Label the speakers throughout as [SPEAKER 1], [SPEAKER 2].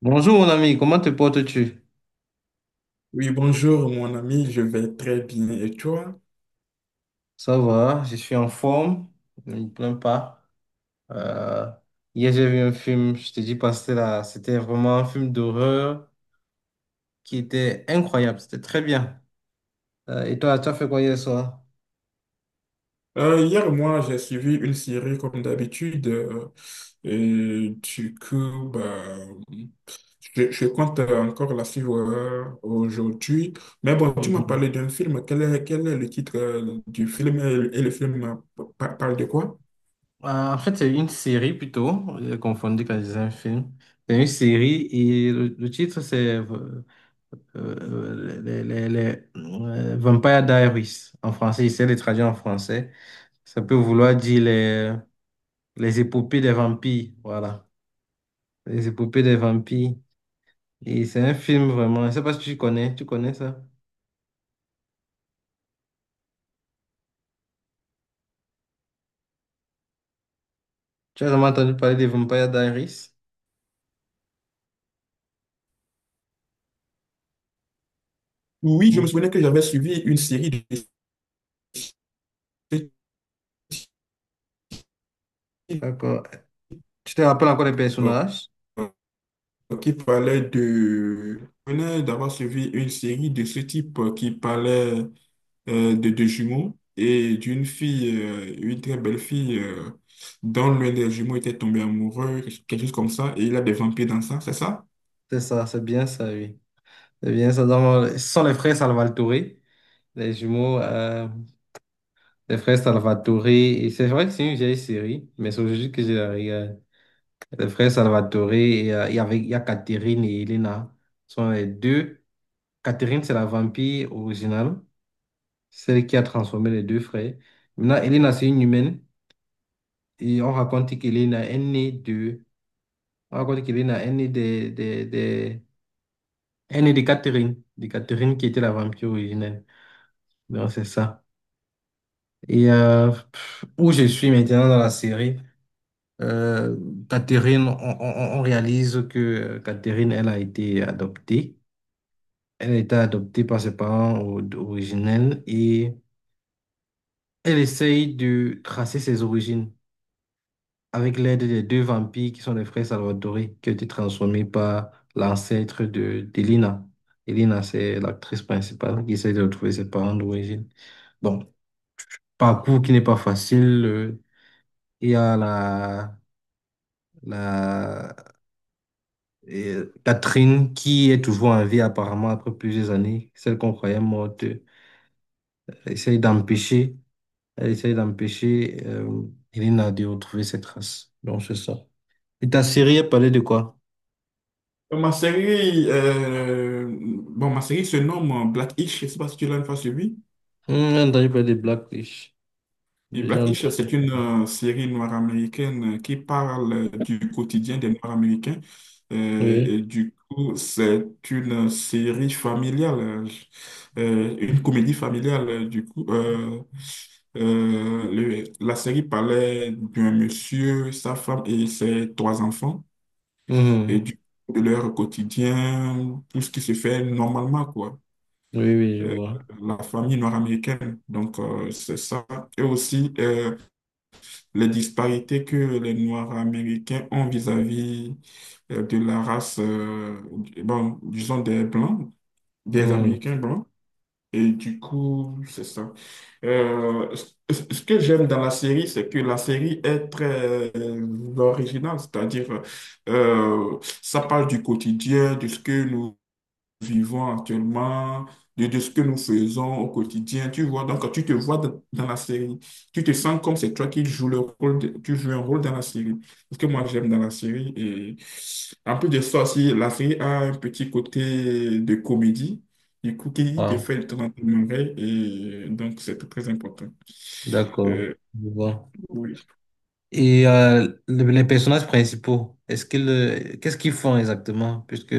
[SPEAKER 1] Bonjour mon ami, comment te portes-tu?
[SPEAKER 2] Oui, bonjour mon ami, je vais très bien. Et toi?
[SPEAKER 1] Ça va, je suis en forme, ne me plains pas. Euh, Hier j'ai vu un film, je te dis pas, c'était là, c'était vraiment un film d'horreur qui était incroyable, c'était très bien. Et toi, tu as fait quoi hier soir?
[SPEAKER 2] Hier, moi, j'ai suivi une série comme d'habitude. Et du coup, bah, je compte encore la suivre aujourd'hui. Mais bon, tu m'as
[SPEAKER 1] Mhm.
[SPEAKER 2] parlé d'un film. Quel est le titre du film, et le film parle de quoi?
[SPEAKER 1] En fait, c'est une série plutôt, j'ai confondu quand je disais un film. C'est une série et le titre c'est Vampire Diaries en français, j'essaie de traduire en français. Ça peut vouloir dire les épopées des vampires, voilà. Les épopées des vampires. Et c'est un film vraiment. Je ne sais pas si tu connais, tu connais ça. Tu as jamais entendu parler des Vampire Diaries?
[SPEAKER 2] Oui, je me
[SPEAKER 1] Mm.
[SPEAKER 2] souvenais que j'avais suivi une série de ce type
[SPEAKER 1] D'accord. Tu te rappelles encore les
[SPEAKER 2] euh,
[SPEAKER 1] personnages?
[SPEAKER 2] qui parlait de… Je venais d'avoir suivi une série de ce type qui parlait de deux jumeaux et d'une fille, une très belle fille, dont l'un des jumeaux était tombé amoureux, quelque chose comme ça, et il a des vampires dans ça, c'est ça?
[SPEAKER 1] C'est ça, c'est bien ça, oui. C'est bien ça. Donc, ce sont les frères Salvatore, les jumeaux, les frères Salvatore. Et c'est vrai que c'est une vieille série, mais c'est aujourd'hui que je la regarde. Les frères Salvatore, et, il y avait, il y a Catherine et Elena. Ce sont les deux. Catherine, c'est la vampire originale, celle qui a transformé les deux frères. Maintenant, Elena, c'est une humaine et on raconte qu'Elena est née de... On raconte qu'Elena est née de est née de Catherine qui était la vampire originelle. Donc, c'est ça. Et où je suis maintenant dans la série, euh, Catherine, on réalise que Catherine, elle a été adoptée. Elle a été adoptée par ses parents originels et elle essaye de tracer ses origines, avec l'aide des deux vampires qui sont les frères Salvatore, qui ont été transformés par l'ancêtre de d'Elina. Elina, c'est l'actrice principale qui essaie de retrouver ses parents d'origine. Bon, parcours qui n'est pas facile. Il y a la, la Catherine qui est toujours en vie apparemment après plusieurs années, celle qu'on croyait morte. Essaye d'empêcher, Elle essaye d'empêcher Elina de retrouver ses traces. Donc c'est ça. Et ta série, elle parlait de quoi?
[SPEAKER 2] Ma série, bon, ma série se nomme Black-ish, je sais pas si tu l'as une fois suivi.
[SPEAKER 1] J'ai entendu parler des black fish.
[SPEAKER 2] Et
[SPEAKER 1] J'ai
[SPEAKER 2] Black Isles,
[SPEAKER 1] entendu.
[SPEAKER 2] c'est une série noire américaine qui parle du quotidien des Noirs américains. Euh,
[SPEAKER 1] Oui.
[SPEAKER 2] et du coup, c'est une série familiale, une comédie familiale. Du coup, la série parlait d'un monsieur, sa femme et ses trois enfants, et
[SPEAKER 1] Mhm.
[SPEAKER 2] de leur quotidien, tout ce qui se fait normalement, quoi.
[SPEAKER 1] Oui, oui, je
[SPEAKER 2] Euh,
[SPEAKER 1] vois.
[SPEAKER 2] la famille noire américaine. Donc, c'est ça. Et aussi, les disparités que les Noirs américains ont vis-à-vis de la race, bon, disons des Blancs, des
[SPEAKER 1] Mhm.
[SPEAKER 2] Américains blancs. Et du coup, c'est ça. Euh, ce Ce que j'aime dans la série, c'est que la série est très originale, c'est-à-dire ça parle du quotidien, de ce que nous vivons actuellement, de ce que nous faisons au quotidien. Tu vois, donc tu te vois dans la série. Tu te sens comme c'est toi qui joues le rôle, tu joues un rôle dans la série. Ce que moi j'aime dans la série. Et en plus de ça aussi, la série a un petit côté de comédie. Du coup, qui te
[SPEAKER 1] Ah,
[SPEAKER 2] fait le temps d'en, et donc c'est très important.
[SPEAKER 1] d'accord.
[SPEAKER 2] Euh,
[SPEAKER 1] Je vois.
[SPEAKER 2] oui.
[SPEAKER 1] Et les personnages principaux, est-ce qu'ils, qu'est-ce qu'ils font exactement? Puisque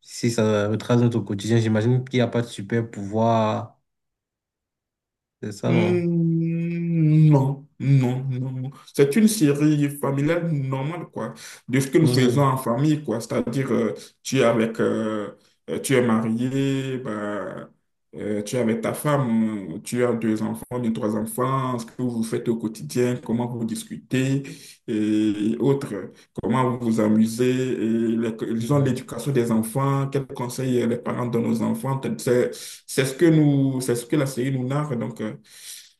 [SPEAKER 1] si ça retrace notre quotidien, j'imagine qu'il n'y a pas de super pouvoir. C'est ça, non?
[SPEAKER 2] Hmm, non, non, non. Non. C'est une série familiale normale, quoi, de ce que nous faisons
[SPEAKER 1] Mhm.
[SPEAKER 2] en famille, quoi. C'est-à-dire, tu es avec, tu es marié, bah, tu es avec ta femme, tu as deux enfants, bien trois enfants, ce que vous faites au quotidien, comment vous discutez et autres, comment vous vous amusez, et disons
[SPEAKER 1] Mhm.
[SPEAKER 2] l'éducation des enfants, quels conseils les parents donnent aux enfants. C'est ce que nous, c'est ce que la série nous narre, donc. euh,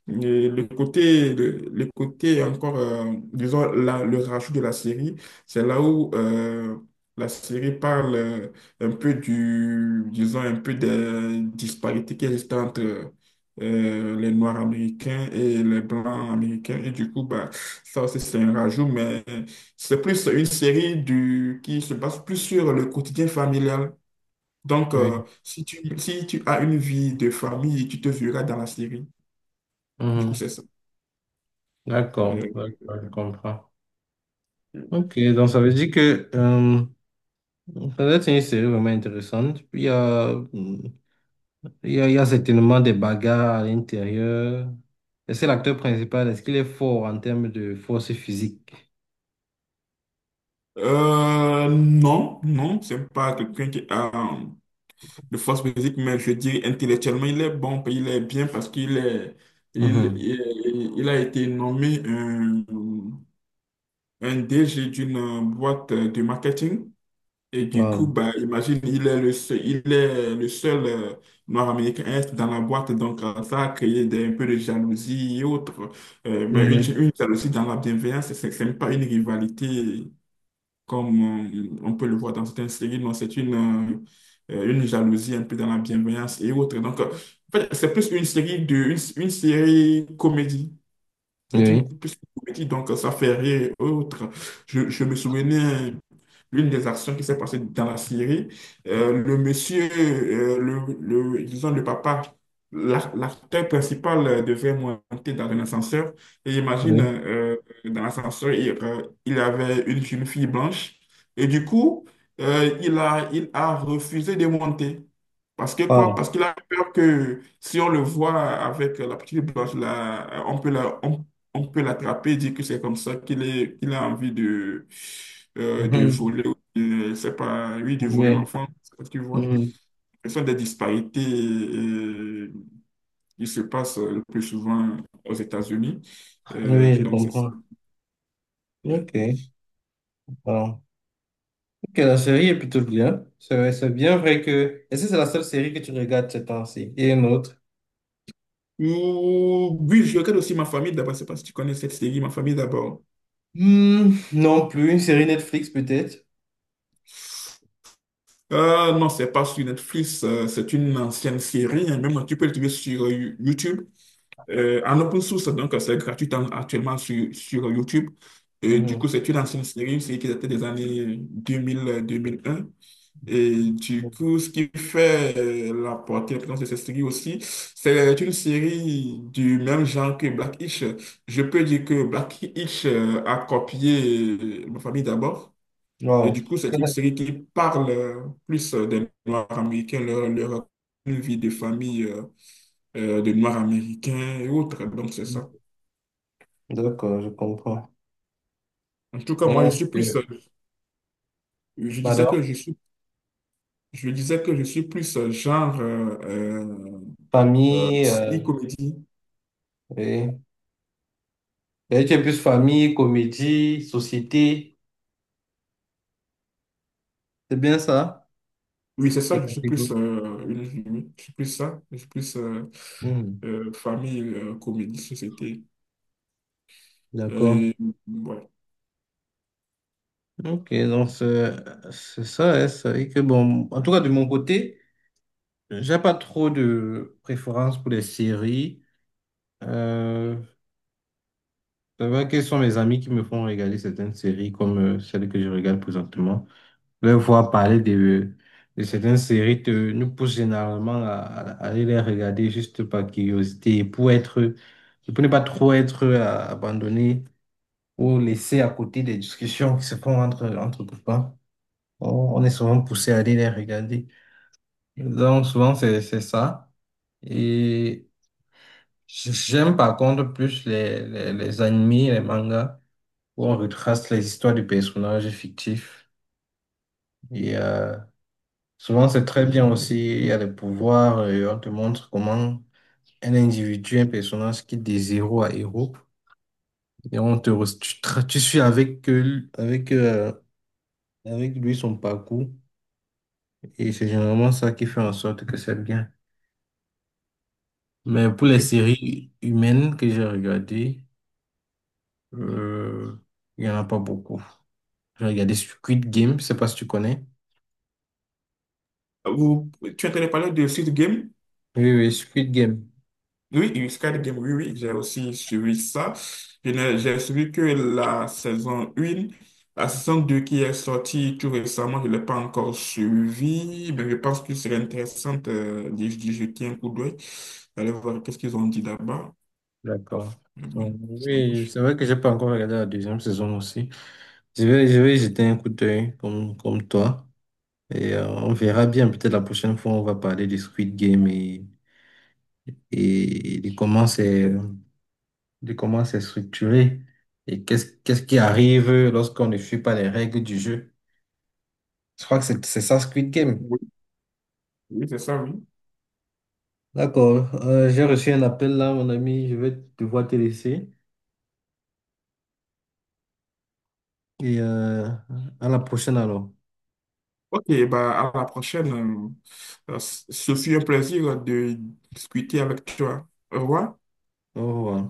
[SPEAKER 2] et le côté, le côté encore, disons, le rajout de la série, c'est là où la série parle un peu du, disons, un peu des disparités qui existent entre les Noirs américains et les Blancs américains. Et du coup, bah, ça aussi, c'est un rajout, mais c'est plus une série du, qui se base plus sur le quotidien familial. Donc,
[SPEAKER 1] Oui.
[SPEAKER 2] si tu, si tu as une vie de famille, tu te verras dans la série. Du coup,
[SPEAKER 1] Mhm.
[SPEAKER 2] c'est ça.
[SPEAKER 1] D'accord.
[SPEAKER 2] Euh,
[SPEAKER 1] D'accord, je comprends.
[SPEAKER 2] Mm.
[SPEAKER 1] Ok, donc ça veut dire que ça doit être une série vraiment intéressante. Puis, il y a, il y a certainement des bagarres à l'intérieur. Et c'est l'acteur principal. Est-ce qu'il est fort en termes de force physique?
[SPEAKER 2] Non, non, c'est pas quelqu'un qui a euh, de force physique, mais je dis intellectuellement, il est bon, puis il est bien parce qu'il est, il,
[SPEAKER 1] Mhm.
[SPEAKER 2] il, il a été nommé un DG d'une boîte de marketing. Et du coup,
[SPEAKER 1] Wow.
[SPEAKER 2] bah, imagine, il est le seul, il est le seul noir américain est dans la boîte, donc ça a créé un peu de jalousie et autres. Mais
[SPEAKER 1] Mhm.
[SPEAKER 2] une jalousie dans la bienveillance, c'est même pas une rivalité comme on peut le voir dans certaines séries, non, c'est une jalousie un peu dans la bienveillance et autres. Donc, en fait, c'est plus une série une série comédie. C'est une
[SPEAKER 1] Oui,
[SPEAKER 2] plus une comédie, donc ça fait rire et autres. Je me souvenais l'une des actions qui s'est passée dans la Syrie. Le monsieur, disons le papa, l'acteur principal devait monter dans un ascenseur. Et imagine,
[SPEAKER 1] oui.
[SPEAKER 2] dans l'ascenseur, il avait une jeune fille blanche. Et du coup, il a refusé de monter. Parce que quoi?
[SPEAKER 1] Wow.
[SPEAKER 2] Parce qu'il a peur que si on le voit avec la petite blanche là, on peut on peut l'attraper, dire que c'est comme ça qu'il est, qu'il a envie de
[SPEAKER 1] Mhm.
[SPEAKER 2] voler, c'est pas, oui, de voler
[SPEAKER 1] Oui.
[SPEAKER 2] l'enfant, tu vois.
[SPEAKER 1] Mhm.
[SPEAKER 2] Ce sont des disparités qui se passent le plus souvent aux États-Unis. Euh,
[SPEAKER 1] Oui, je
[SPEAKER 2] donc, c'est ça.
[SPEAKER 1] comprends.
[SPEAKER 2] Ouais.
[SPEAKER 1] Ok. Wow. Ok, la série est plutôt bien. C'est bien vrai que... Est-ce que c'est la seule série que tu regardes ces temps-ci? Et une autre?
[SPEAKER 2] Oui, je regarde aussi Ma famille d'abord. Je sais pas si tu connais cette série, Ma famille d'abord.
[SPEAKER 1] Hmm, non plus. Une série Netflix peut-être?
[SPEAKER 2] Non, c'est pas sur Netflix, c'est une ancienne série. Hein. Même tu peux le trouver sur YouTube. En open source, donc c'est gratuit actuellement sur, sur YouTube. Et du
[SPEAKER 1] Mhm.
[SPEAKER 2] coup, c'est une ancienne série, une qui datait des années 2000-2001. Et du coup, ce qui fait la portée, l'importance de cette série aussi, c'est une série du même genre que Black Hitch. Je peux dire que Black Hitch a copié Ma famille d'abord. Et
[SPEAKER 1] Wow.
[SPEAKER 2] du coup, c'est une série qui parle plus des Noirs américains, leur vie de famille de Noirs américains et autres. Donc, c'est ça.
[SPEAKER 1] D'accord, je comprends.
[SPEAKER 2] En tout cas, moi, je suis
[SPEAKER 1] Ok.
[SPEAKER 2] plus, je disais
[SPEAKER 1] Madame?
[SPEAKER 2] que je suis, je disais que je suis plus genre
[SPEAKER 1] Famille,
[SPEAKER 2] silly comedy.
[SPEAKER 1] oui. Et tu es plus famille, comédie, société. C'est bien ça,
[SPEAKER 2] Oui, c'est ça,
[SPEAKER 1] tes
[SPEAKER 2] je suis plus,
[SPEAKER 1] catégories.
[SPEAKER 2] je suis plus ça, je suis plus
[SPEAKER 1] Hmm,
[SPEAKER 2] famille, comédie, société.
[SPEAKER 1] d'accord.
[SPEAKER 2] Euh, ouais,
[SPEAKER 1] Ok, donc c'est ça, hein, c'est vrai que bon, en tout cas de mon côté, j'ai pas trop de préférence pour les séries. Euh, c'est vrai que ce sont mes amis qui me font regarder certaines séries comme celle que je regarde présentement. Leur voir parler de certaines séries nous pousse généralement à, à aller les regarder juste par curiosité et pour être, pour ne pas trop être abandonné ou laissé à côté des discussions qui se font entre copains. On, on est souvent poussé à aller les regarder. Donc, souvent, c'est ça. Et j'aime par contre plus les animés, les mangas, où on retrace les histoires de personnages fictifs. Et, souvent, c'est très bien aussi. Il y a des pouvoirs et on te montre comment un individu, un personnage quitte des zéros à héros. Et on te, re- tu, tra- tu suis avec, avec lui son parcours. Et c'est généralement ça qui fait en sorte que c'est bien. Mais pour les
[SPEAKER 2] oui.
[SPEAKER 1] séries humaines que j'ai regardées, euh, il n'y en a pas beaucoup. J'ai regardé Squid Game, je sais pas si tu connais.
[SPEAKER 2] Vous, tu entendais parler de Squid Game?
[SPEAKER 1] Oui, oui, Squid Game.
[SPEAKER 2] Oui, une Squid Game, oui, oui, j'ai aussi suivi ça. Je n'ai- J'ai suivi que la saison 1. La saison 2 qui est sortie tout récemment, je ne l'ai pas encore suivi, mais je pense que serait intéressant d'y jeter un coup d'œil, d'aller voir qu'est-ce qu'ils ont dit là-bas.
[SPEAKER 1] D'accord.
[SPEAKER 2] Mais bon,
[SPEAKER 1] Donc,
[SPEAKER 2] ça
[SPEAKER 1] oui,
[SPEAKER 2] marche.
[SPEAKER 1] c'est vrai que j'ai pas encore regardé la deuxième saison aussi. Je vais jeter un coup d'œil comme, comme toi. Et on verra bien. Peut-être la prochaine fois, on va parler du Squid Game et de comment c'est structuré et qu'est-ce qui arrive lorsqu'on ne suit pas les règles du jeu. Je crois que c'est ça, Squid Game.
[SPEAKER 2] Oui, oui, c'est ça, oui.
[SPEAKER 1] D'accord. J'ai reçu un appel là, mon ami. Je vais devoir te laisser. Et à la prochaine alors.
[SPEAKER 2] Ok, bah, à la prochaine. Ce fut un plaisir de discuter avec toi. Au revoir.
[SPEAKER 1] Au revoir.